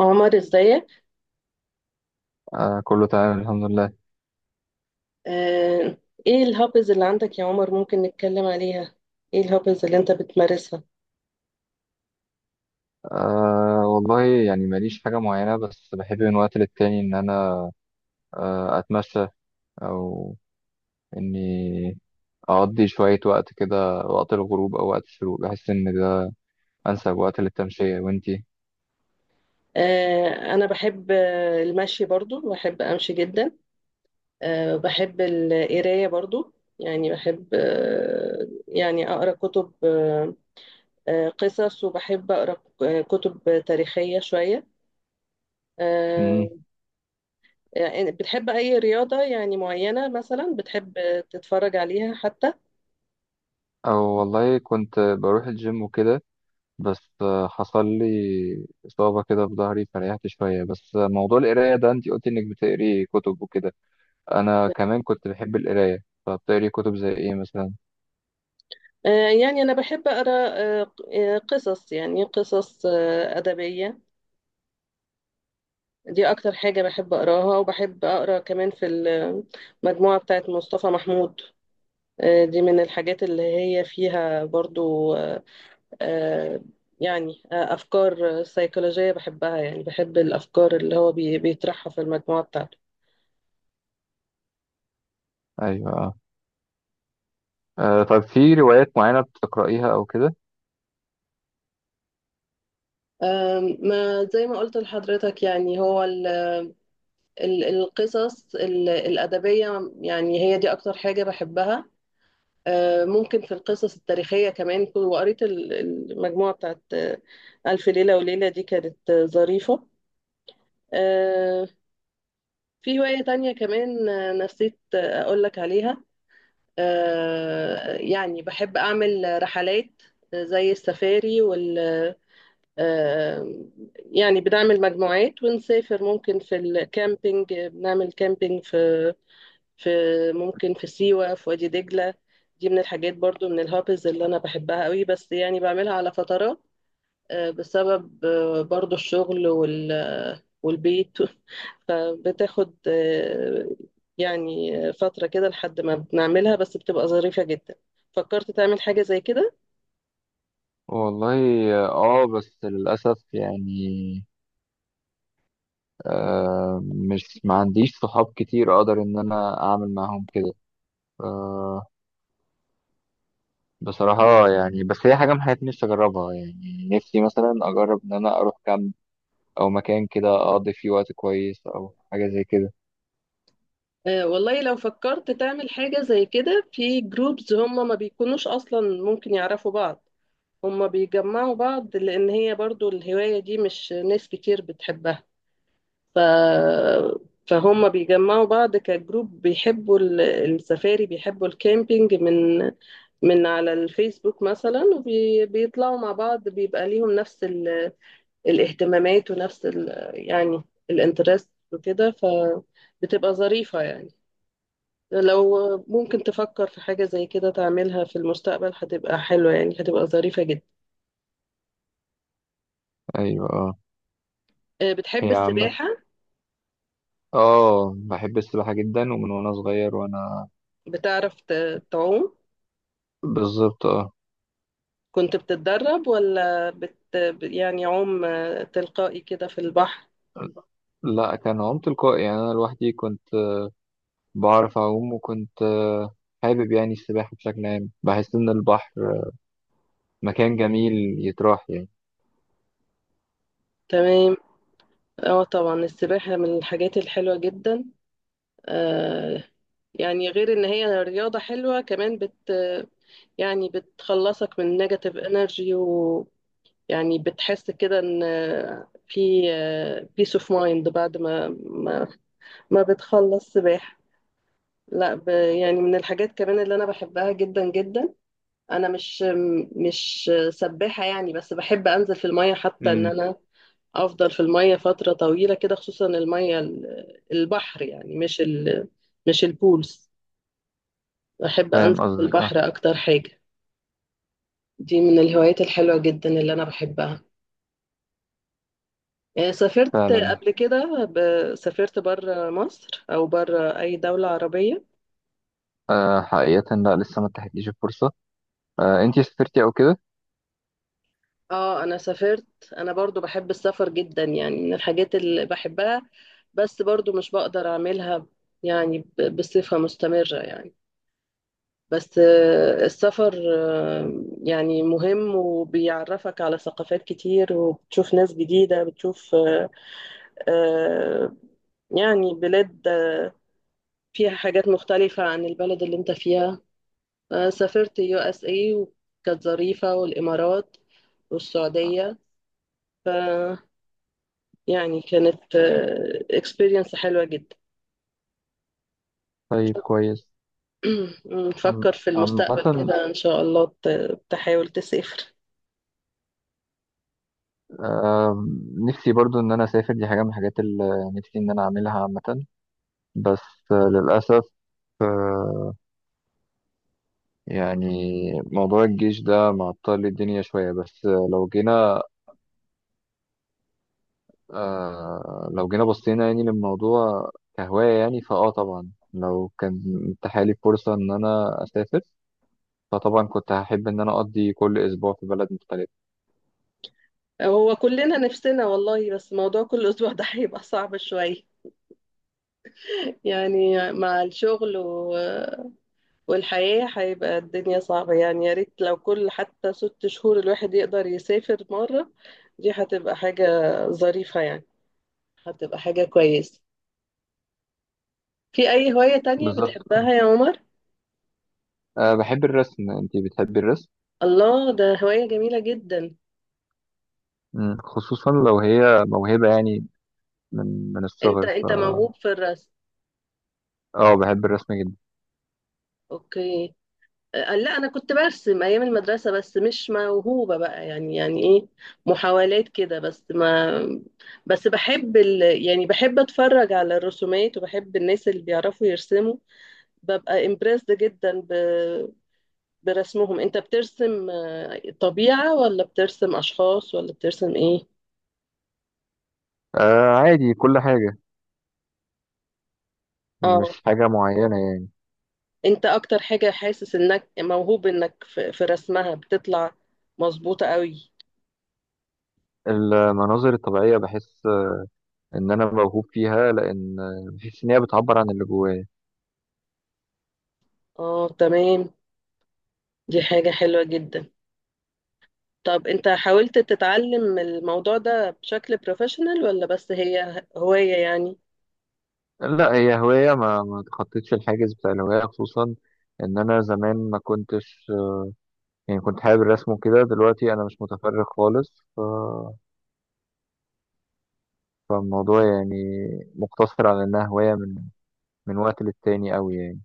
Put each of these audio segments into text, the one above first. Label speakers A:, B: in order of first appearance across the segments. A: عمر، ازيك؟
B: آه، كله تمام، الحمد لله.
A: آه. ايه الهابز اللي عندك يا عمر؟ ممكن نتكلم عليها؟ ايه الهابز اللي انت بتمارسها؟
B: آه، والله يعني ماليش حاجة معينة، بس بحب من وقت للتاني إن أنا أتمشى، أو إني أقضي شوية وقت كده وقت الغروب أو وقت الشروق. بحس إن ده أنسب وقت للتمشية. وإنتي؟
A: آه، انا بحب المشي، برضو بحب امشي جدا. بحب القرايه برضو. يعني بحب يعني اقرا كتب، قصص، وبحب اقرا كتب تاريخيه شويه. آه،
B: مم.
A: يعني بتحب اي رياضه يعني معينه، مثلا بتحب تتفرج عليها حتى؟
B: أو والله كنت بروح الجيم وكده، بس حصل لي إصابة كده في ظهري فريحت شوية. بس موضوع القراية ده، إنتي قلتي إنك بتقري كتب وكده، أنا كمان كنت بحب القراية، فبتقري كتب زي إيه مثلا؟
A: آه، يعني أنا بحب أقرأ قصص، يعني قصص أدبية، دي أكتر حاجة بحب أقراها. وبحب أقرأ كمان في المجموعة بتاعت مصطفى محمود، دي من الحاجات اللي هي فيها برضو آه، يعني أفكار سيكولوجية بحبها، يعني بحب الأفكار اللي هو بيطرحها في المجموعة بتاعته.
B: أيوه. طيب، في روايات معينة بتقرأيها أو كده؟
A: ما زي ما قلت لحضرتك، يعني هو القصص الأدبية يعني هي دي أكتر حاجة بحبها. ممكن في القصص التاريخية كمان، وقريت المجموعة بتاعت ألف ليلة وليلة، دي كانت ظريفة. آه، في هواية تانية كمان، نسيت أقولك عليها، يعني بحب أعمل رحلات زي السفاري وال آه، يعني بنعمل مجموعات ونسافر، ممكن في الكامبينج، بنعمل كامبينج في في ممكن في سيوة، في وادي دجلة. دي من الحاجات برضو، من الهابز اللي أنا بحبها قوي، بس يعني بعملها على فترات بسبب برضو الشغل والبيت فبتاخد يعني فترة كده لحد ما بنعملها، بس بتبقى ظريفة جدا. فكرت تعمل حاجة زي كده؟
B: والله بس للأسف يعني، مش ما عنديش صحاب كتير أقدر إن أنا أعمل معاهم كده، آه بصراحة يعني. بس هي حاجة من حياتي نفسي أجربها، يعني نفسي مثلا أجرب إن أنا أروح كامب أو مكان كده أقضي فيه وقت كويس أو حاجة زي كده.
A: والله، لو فكرت تعمل حاجة زي كده، في جروبز هم ما بيكونوش أصلا ممكن يعرفوا بعض، هما بيجمعوا بعض، لأن هي برضو الهواية دي مش ناس كتير بتحبها. ف... فهم بيجمعوا بعض كجروب، بيحبوا السفاري، بيحبوا الكامبينج من من على الفيسبوك مثلا، وبيطلعوا مع بعض، بيبقى ليهم نفس الاهتمامات، ونفس يعني الانترست، وكده. فبتبقى ظريفة يعني، لو ممكن تفكر في حاجة زي كده تعملها في المستقبل هتبقى حلوة، يعني هتبقى ظريفة جدا.
B: أيوة، آه.
A: بتحب
B: هي عامة
A: السباحة؟
B: بحب السباحة جدا، ومن وأنا صغير وأنا...
A: بتعرف تعوم؟
B: بالظبط، آه.
A: كنت بتتدرب، ولا يعني عوم تلقائي كده في البحر؟
B: لا، كان عوم تلقائي، يعني أنا لوحدي كنت بعرف أعوم، وكنت حابب يعني السباحة بشكل عام. بحس إن البحر مكان جميل يتراح يعني.
A: تمام. اه طبعا، السباحة من الحاجات الحلوة جدا. آه يعني غير ان هي رياضة حلوة، كمان يعني بتخلصك من نيجاتيف انرجي، ويعني بتحس كده ان في بيس اوف مايند بعد ما بتخلص سباحة. لا، يعني من الحاجات كمان اللي انا بحبها جدا جدا. انا مش سباحة يعني، بس بحب انزل في المية، حتى ان
B: امم
A: انا افضل في المية فترة طويلة كده، خصوصا المية البحر، يعني مش البولز. بحب انزل
B: فاهم
A: في
B: قصدك، اه.
A: البحر اكتر حاجة، دي من الهوايات الحلوة جدا اللي انا بحبها. سافرت
B: فعلا.
A: قبل كده سافرت بره مصر، او بره اي دولة عربية؟
B: حقيقة لا، لسه ما اتاحتليش الفرصة. انتي سافرتي أو كده؟
A: اه انا سافرت، انا برضو بحب السفر جدا، يعني من الحاجات اللي بحبها، بس برضو مش بقدر اعملها يعني بصفة مستمرة يعني. بس السفر يعني مهم، وبيعرفك على ثقافات كتير، وبتشوف ناس جديدة، بتشوف آه، يعني بلاد فيها حاجات مختلفة عن البلد اللي انت فيها. سافرت USA وكانت ظريفة، والامارات، والسعودية، يعني كانت اكسبيرينس حلوة جدا.
B: طيب، كويس.
A: نفكر في
B: عامة،
A: المستقبل كده إن شاء الله تحاول تسافر.
B: آه نفسي برضو إن أنا أسافر، دي حاجة من الحاجات اللي نفسي إن أنا أعملها عامة. بس للأسف يعني، موضوع الجيش ده معطل الدنيا شوية. بس لو جينا بصينا يعني للموضوع كهواية. يعني فأه، طبعا لو كان اتاحالي فرصة إن أنا أسافر، فطبعا كنت هحب إن أنا أقضي كل أسبوع في بلد مختلف.
A: هو كلنا نفسنا والله، بس موضوع كل أسبوع ده هيبقى صعب شوية، يعني مع الشغل والحياة، هيبقى الدنيا صعبة. يعني يا ريت لو كل، حتى 6 شهور، الواحد يقدر يسافر مرة، دي هتبقى حاجة ظريفة يعني، هتبقى حاجة كويسة. في أي هواية تانية
B: بالظبط.
A: بتحبها يا عمر؟
B: بحب الرسم. أنتي بتحبي الرسم؟
A: الله، ده هواية جميلة جدا.
B: مم. خصوصا لو هي موهبة، يعني من
A: انت
B: الصغر ف...
A: انت موهوب في الرسم؟
B: اه، بحب الرسم جدا.
A: اوكي. لا، انا كنت برسم ايام المدرسه، بس مش موهوبه بقى. يعني ايه، محاولات كده بس ما. بس بحب يعني بحب اتفرج على الرسومات، وبحب الناس اللي بيعرفوا يرسموا، ببقى امبرسد جدا برسمهم. انت بترسم طبيعه، ولا بترسم اشخاص، ولا بترسم ايه؟
B: آه، عادي، كل حاجة،
A: اه،
B: مش حاجة معينة يعني.
A: انت اكتر حاجه حاسس انك موهوب، انك في رسمها بتطلع مظبوطه قوي؟
B: المناظر الطبيعية بحس إن أنا موهوب فيها، لأن بحس إن هي بتعبر عن اللي جوايا.
A: اه تمام، دي حاجة حلوة جدا. طب انت حاولت تتعلم الموضوع ده بشكل بروفيشنال، ولا بس هي هواية يعني؟
B: لا، هي هواية، ما تخطيتش الحاجز بتاع الهواية، خصوصا ان انا زمان ما كنتش يعني، كنت حابب الرسم وكده، دلوقتي انا مش متفرغ خالص. فالموضوع يعني مقتصر على انها هواية من وقت للتاني قوي يعني.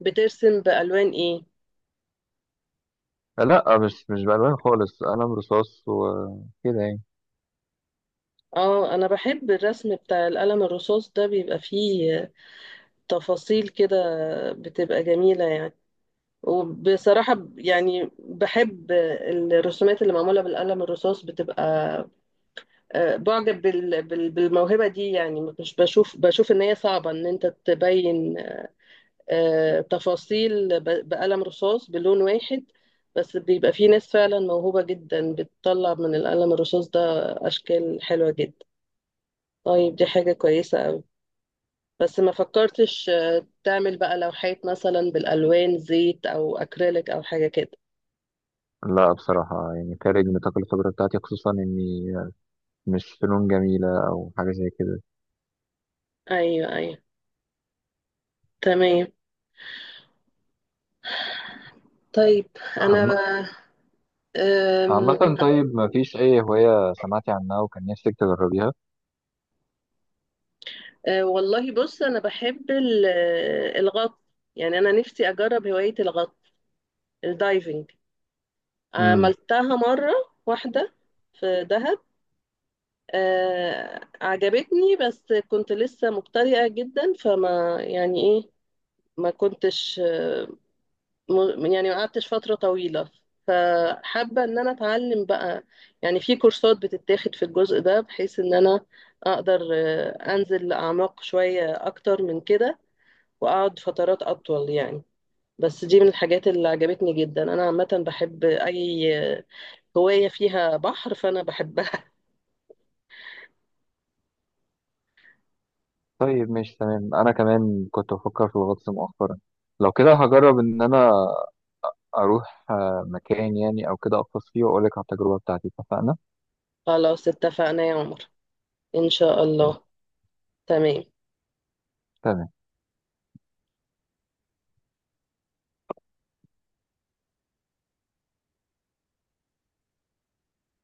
A: بترسم بألوان ايه؟
B: لا، مش بألوان خالص، قلم رصاص وكده يعني.
A: اه انا بحب الرسم بتاع القلم الرصاص ده، بيبقى فيه تفاصيل كده بتبقى جميلة يعني. وبصراحة يعني بحب الرسومات اللي معمولة بالقلم الرصاص، بتبقى بعجب بالموهبة دي، يعني مش بشوف ان هي صعبة ان انت تبين تفاصيل بقلم رصاص بلون واحد، بس بيبقى في ناس فعلا موهوبة جدا بتطلع من القلم الرصاص ده أشكال حلوة جدا. طيب، دي حاجة كويسة أوي، بس ما فكرتش تعمل بقى لوحات مثلا بالألوان، زيت أو أكريليك أو حاجة كده؟
B: لا، بصراحة يعني خارج نطاق الخبرة بتاعتي، خصوصا اني مش فنون جميلة او حاجة زي كده.
A: أيوه، أيوه، تمام. طيب، أنا
B: عم-
A: أم،
B: عامة، طيب ما فيش اي هواية سمعتي عنها وكان نفسك تجربيها؟
A: أه، والله بص، أنا بحب الغطس، يعني أنا نفسي أجرب هواية الغطس، الدايفنج، عملتها مرة واحدة في دهب. عجبتني، بس كنت لسه مبتدئة جدا فما، يعني ايه، ما كنتش يعني ما قعدتش فترة طويلة. فحابة ان انا اتعلم بقى، يعني في كورسات بتتاخد في الجزء ده، بحيث ان انا اقدر انزل اعماق شوية اكتر من كده، واقعد فترات اطول يعني. بس دي من الحاجات اللي عجبتني جدا، انا عامة بحب اي هواية فيها بحر فأنا بحبها.
B: طيب، ماشي، تمام. انا كمان كنت بفكر في الغطس مؤخرا، لو كده هجرب ان انا اروح مكان يعني او كده اغطس فيه، واقول لك على التجربة بتاعتي. اتفقنا؟
A: خلاص اتفقنا يا عمر، إن شاء
B: طيب،
A: الله. تمام.
B: تمام.